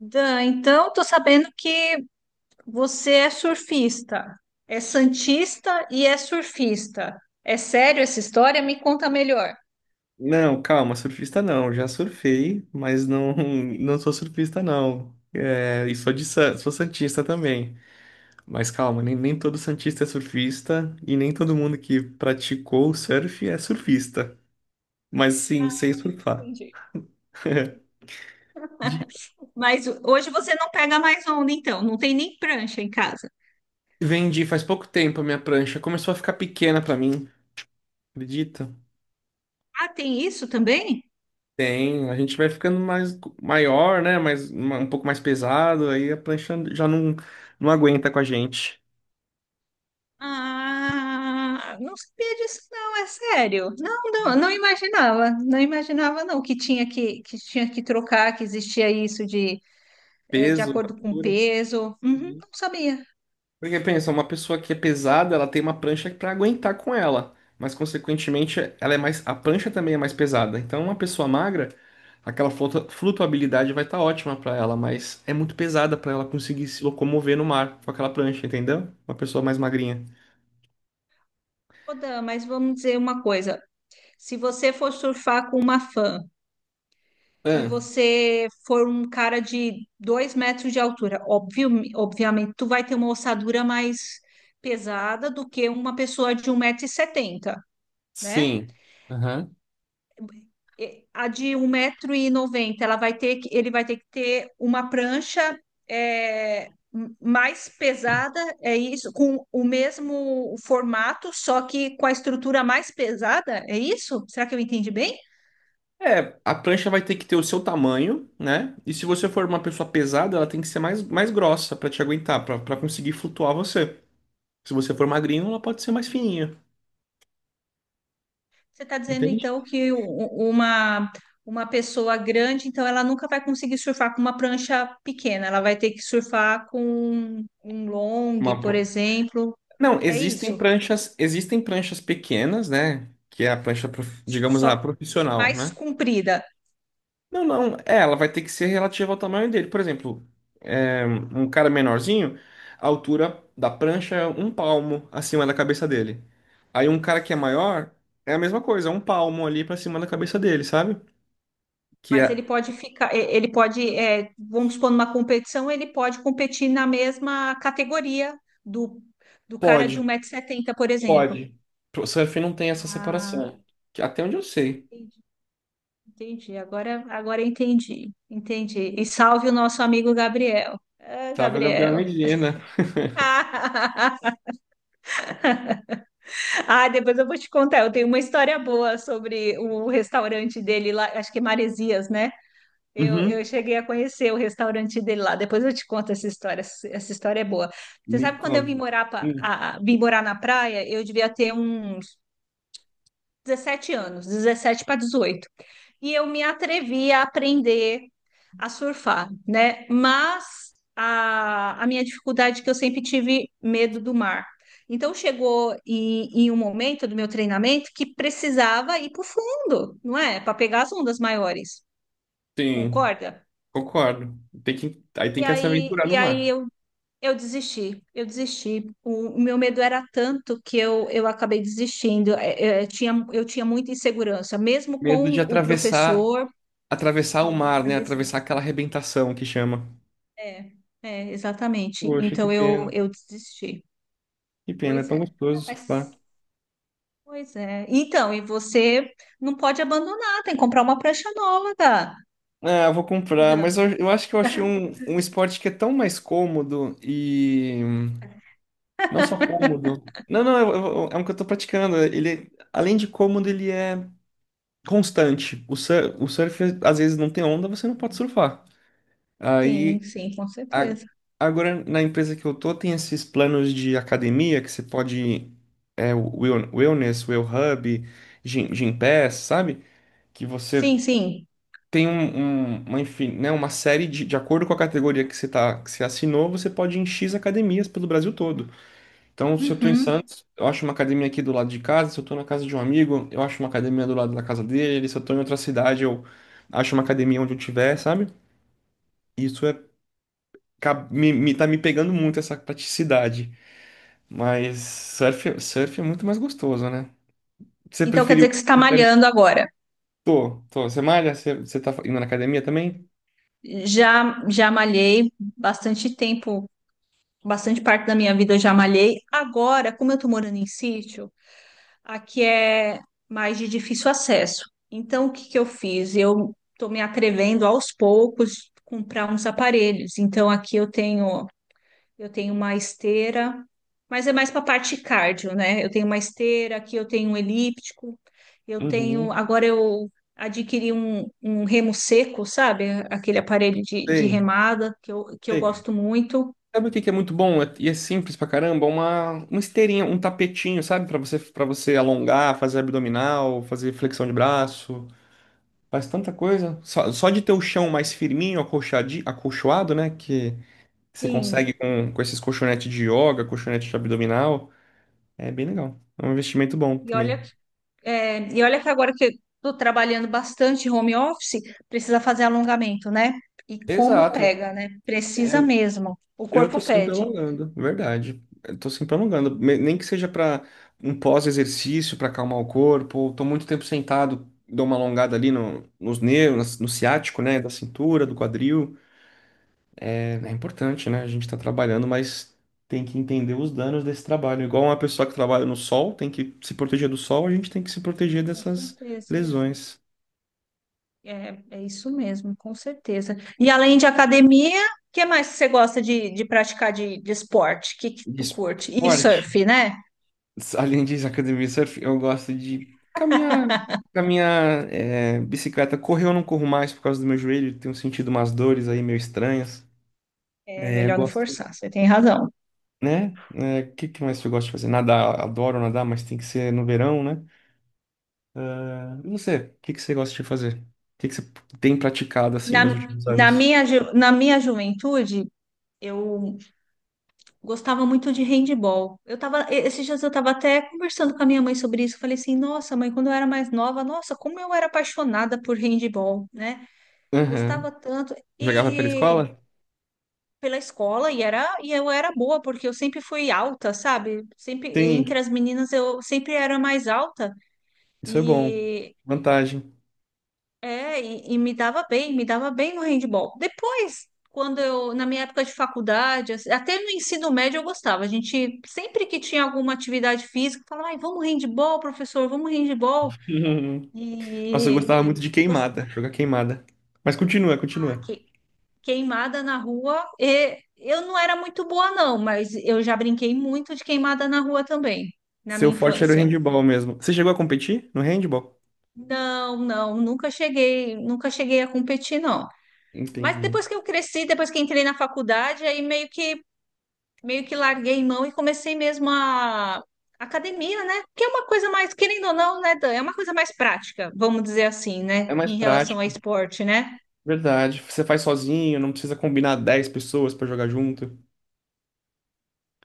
Dan, então tô sabendo que você é surfista, é santista e é surfista. É sério essa história? Me conta melhor. Não, calma, surfista não. Já surfei, mas não, não sou surfista não. É, e sou de sou santista também. Mas calma, nem todo santista é surfista e nem todo mundo que praticou o surf é surfista. Mas sim, sei surfar. Entendi. De- Mas hoje você não pega mais onda, então, não tem nem prancha em casa. Vendi faz pouco tempo a minha prancha, começou a ficar pequena pra mim, acredita? Ah, tem isso também? Tem, a gente vai ficando mais maior, né? Mais, um pouco mais pesado, aí a prancha já não aguenta com a gente. Ah, não sabia disso, não, é sério. Não, não, não imaginava não que tinha que trocar, que existia isso de Peso, acordo com o altura. peso. Uhum, Sim. não sabia. Porque pensa, uma pessoa que é pesada, ela tem uma prancha para aguentar com ela, mas consequentemente ela é mais, a prancha também é mais pesada. Então uma pessoa magra, aquela flutuabilidade vai estar ótima para ela, mas é muito pesada para ela conseguir se locomover no mar com aquela prancha, entendeu? Uma pessoa mais magrinha. Ô, Dan, mas vamos dizer uma coisa: se você for surfar com uma fã e Ah, você for um cara de 2 metros de altura, óbvio, obviamente, tu vai ter uma ossadura mais pesada do que uma pessoa de um metro e setenta, né? sim. Aham. E A de um metro e noventa, ela vai ter que, ele vai ter que ter uma prancha mais pesada, é isso? Com o mesmo formato, só que com a estrutura mais pesada, é isso? Será que eu entendi bem? É, a prancha vai ter que ter o seu tamanho, né? E se você for uma pessoa pesada, ela tem que ser mais grossa para te aguentar, para conseguir flutuar você. Se você for magrinho, ela pode ser mais fininha. Você está dizendo Entende? então que uma pessoa grande, então ela nunca vai conseguir surfar com uma prancha pequena, ela vai ter que surfar com um long, Uma por pro- exemplo. Não, É isso. Existem pranchas pequenas, né? Que é a prancha, digamos, Só a que profissional, mais né? comprida. Não, não, é, ela vai ter que ser relativa ao tamanho dele. Por exemplo, é, um cara menorzinho, a altura da prancha é um palmo acima da cabeça dele. Aí um cara que é maior, é a mesma coisa, é um palmo ali pra cima da cabeça dele, sabe? Que Mas ele é, pode ficar, e- ele pode, vamos supor, numa competição, ele pode competir na mesma categoria do, do cara de um pode, 170 setenta, por exemplo. pode. O surf não tem essa Ah, separação. Que até onde eu sei, entendi. Entendi, agora entendi, entendi. E salve o nosso amigo Gabriel. Ah, tá? Viu, Gabriel Gabriel. Medina. Ah, depois eu vou te contar. Eu tenho uma história boa sobre o restaurante dele lá, acho que é Maresias, né? Eu, Uhum. eu cheguei a conhecer o restaurante dele lá. Depois eu te conto essa história. Essa história é boa. Você Me sabe quando eu vim conta. morar, Hum, vim morar na praia? Eu devia ter uns 17 anos, 17 para 18. E eu me atrevi a aprender a surfar, né? Mas a minha dificuldade é que eu sempre tive medo do mar. Então chegou em um momento do meu treinamento que precisava ir para o fundo, não é? Para pegar as ondas maiores, Sim, concorda? concordo. Aí tem que se aventurar no E aí mar. Eu desisti, eu desisti. O meu medo era tanto que eu acabei desistindo. É, é, eu tinha muita insegurança, mesmo Medo de com o atravessar, professor. atravessar o mar, né? Atravessar aquela arrebentação que chama. É, é, exatamente. Poxa, que Então eu, pena. eu desisti. Que pena, é Pois tão é. Ah, gostoso surfar. mas, pois é. Então, e você não pode abandonar, tem que comprar uma prancha nova, cara. Ah, eu vou Ô, comprar, mas Dan. Eu acho que eu achei um esporte que é tão mais cômodo e não só cômodo. Não, não, é um que eu tô praticando. Ele, além de cômodo, ele é constante. O surf, às vezes, não tem onda, você não pode surfar. Sim, Aí sim, com A- certeza. Agora, na empresa que eu tô, tem esses planos de academia que você pode. É, o Wellness, Well Hub, Gym Pass, sabe? Que você Sim, sim. tem uma, enfim, né, uma série de acordo com a categoria que que você assinou, você pode ir em X academias pelo Brasil todo. Então, se eu tô em Uhum. Santos, eu acho uma academia aqui do lado de casa. Se eu tô na casa de um amigo, eu acho uma academia do lado da casa dele. Se eu tô em outra cidade, eu acho uma academia onde eu tiver, sabe? Isso é, me, tá me pegando muito essa praticidade. Mas surf é muito mais gostoso, né? Você Então quer preferiu. dizer que você está malhando agora. Tô, tô. Você malha? Você tá indo na academia também? Já malhei bastante tempo, bastante parte da minha vida eu já malhei. Agora, como eu estou morando em sítio, aqui é mais de difícil acesso. Então, o que que eu fiz? Eu estou me atrevendo aos poucos comprar uns aparelhos. Então, aqui eu tenho uma esteira, mas é mais para a parte cardio, né? Eu tenho uma esteira, aqui eu tenho um elíptico, eu tenho. Uhum. Agora eu adquiri um remo seco, sabe? Aquele aparelho de Sei, remada que eu sei. gosto muito. Sabe o que que é muito bom? É- E é simples pra caramba? Uma esteirinha, um tapetinho, sabe? Para você alongar, fazer abdominal, fazer flexão de braço. Faz tanta coisa. Só de ter o chão mais firminho, acolchoado, né? Que você Sim. consegue com esses colchonetes de yoga, colchonete de abdominal. É bem legal. É um investimento bom E olha também. e olha que agora que eu estou trabalhando bastante home office, precisa fazer alongamento, né? E como Exato. pega, né? Precisa É, mesmo. O eu tô corpo sempre pede. alongando, verdade. Eu tô sempre alongando, nem que seja para um pós-exercício, para acalmar o corpo, ou tô muito tempo sentado, dou uma alongada ali nos nervos, no ciático, né, da cintura, do quadril. É, é importante, né? A gente tá trabalhando, mas tem que entender os danos desse trabalho. Igual uma pessoa que trabalha no sol, tem que se proteger do sol, a gente tem que se proteger Com dessas certeza. lesões. É, é isso mesmo, com certeza. E além de academia, o que mais que você gosta de praticar de esporte? O que, que De tu esporte. curte? E surf, né? Além disso, academia e surf, eu gosto de caminhar, caminhar, é, bicicleta. Correr eu não corro mais por causa do meu joelho, tenho sentido umas dores aí meio estranhas. É É, melhor não gosto, forçar, você tem razão. né? É, o que que mais eu gosto de fazer? Nadar, adoro nadar, mas tem que ser no verão, né? Ah, e você, o que que você gosta de fazer? O que que você tem praticado assim Na, nos últimos na anos? minha, ju- na minha juventude, eu gostava muito de handball. Esses dias eu tava até conversando com a minha mãe sobre isso. Falei assim, nossa, mãe, quando eu era mais nova, nossa, como eu era apaixonada por handball, né? Aham. Gostava tanto. Jogava pela E escola? pela escola, e eu era boa, porque eu sempre fui alta, sabe? Sempre, entre Sim, as meninas, eu sempre era mais alta. isso é bom. E Vantagem. e me dava bem no handball. Depois, na minha época de faculdade, assim, até no ensino médio eu gostava. A gente, sempre que tinha alguma atividade física, falava, ai, vamos handball, professor, vamos handball. Nossa, eu E gostava muito de gostava, queimada, jogar queimada. Mas continua, continua. que, queimada na rua. E eu não era muito boa, não, mas eu já brinquei muito de queimada na rua também, na Seu minha forte era o infância. handball mesmo. Você chegou a competir no handball? Não, não, nunca cheguei a competir, não. Mas Entendi. depois que eu cresci, depois que entrei na faculdade, aí meio que larguei mão e comecei mesmo a academia, né? Que é uma coisa mais, querendo ou não, né, Dan? É uma coisa mais prática, vamos dizer assim, né? É mais Em relação a prático, esporte, né? verdade. Você faz sozinho, não precisa combinar 10 pessoas pra jogar junto.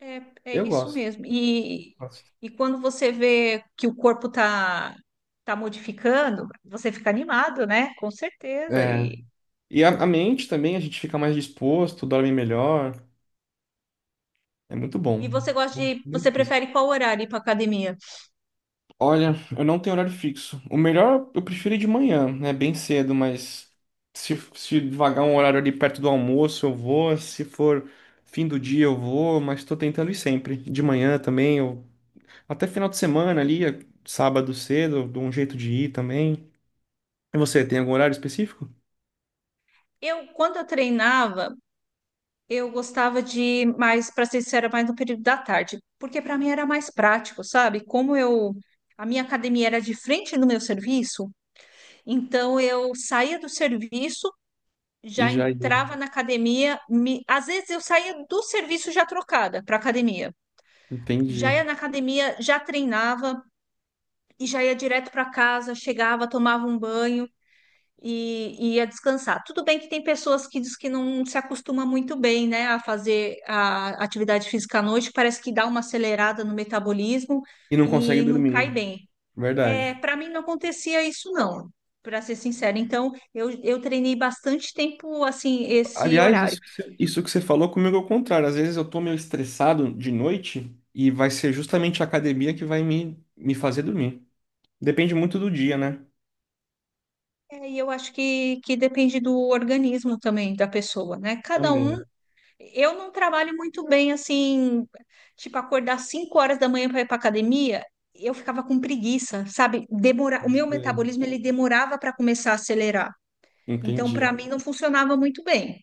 É, é Eu isso gosto. mesmo. E, Gosto. e quando você vê que o corpo tá modificando, você fica animado, né? Com certeza. É. E, E a mente também, a gente fica mais disposto, dorme melhor. É muito e bom. você gosta Bom você benefício. prefere qual horário ir para academia? Olha, eu não tenho horário fixo. O melhor eu prefiro ir de manhã, né? Bem cedo, mas se vagar um horário ali perto do almoço, eu vou. Se for fim do dia, eu vou, mas tô tentando ir sempre. De manhã também, eu... até final de semana ali, sábado cedo, eu dou um jeito de ir também. E você, tem algum horário específico? Quando eu treinava, eu gostava de mais, para ser sincera, mais no período da tarde, porque para mim era mais prático, sabe? Como eu a minha academia era de frente no meu serviço, então eu saía do serviço, E já já ia. entrava na academia, às vezes eu saía do serviço já trocada para academia. Já Entendi. ia na academia, já treinava e já ia direto para casa, chegava, tomava um banho e ia descansar. Tudo bem que tem pessoas que diz que não se acostuma muito bem, né, a fazer a atividade física à noite, parece que dá uma acelerada no metabolismo E não consegue e não cai dormir. bem. É, Verdade. para mim não acontecia isso não, para ser sincera. Então, eu treinei bastante tempo assim esse Aliás, horário. Isso que você falou comigo é o contrário. Às vezes eu tô meio estressado de noite e vai ser justamente a academia que vai me fazer dormir. Depende muito do dia, né? É, e eu acho que depende do organismo também da pessoa, né? Cada um. Também. Eu não trabalho muito bem assim, tipo, acordar 5 horas da manhã para ir para academia. Eu ficava com preguiça, sabe? O meu É. metabolismo ele demorava para começar a acelerar. Então, para Entendi. mim, não funcionava muito bem.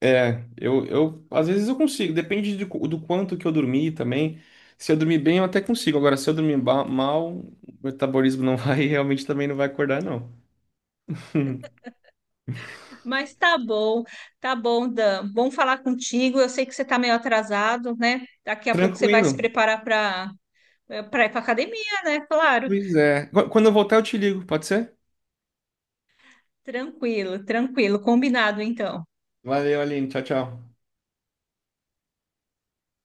É, eu às vezes eu consigo, depende de quanto que eu dormi também. Se eu dormir bem, eu até consigo. Agora, se eu dormir mal, o metabolismo não vai, realmente também não vai acordar, não. Mas tá bom, Dan. Bom falar contigo. Eu sei que você tá meio atrasado, né? Daqui a pouco você vai Tranquilo. se preparar para ir para academia, né? Claro. Pois é. Quando eu voltar, eu te ligo, pode ser? Tranquilo, tranquilo. Combinado, então. Valeu, Aline. Tchau, tchau.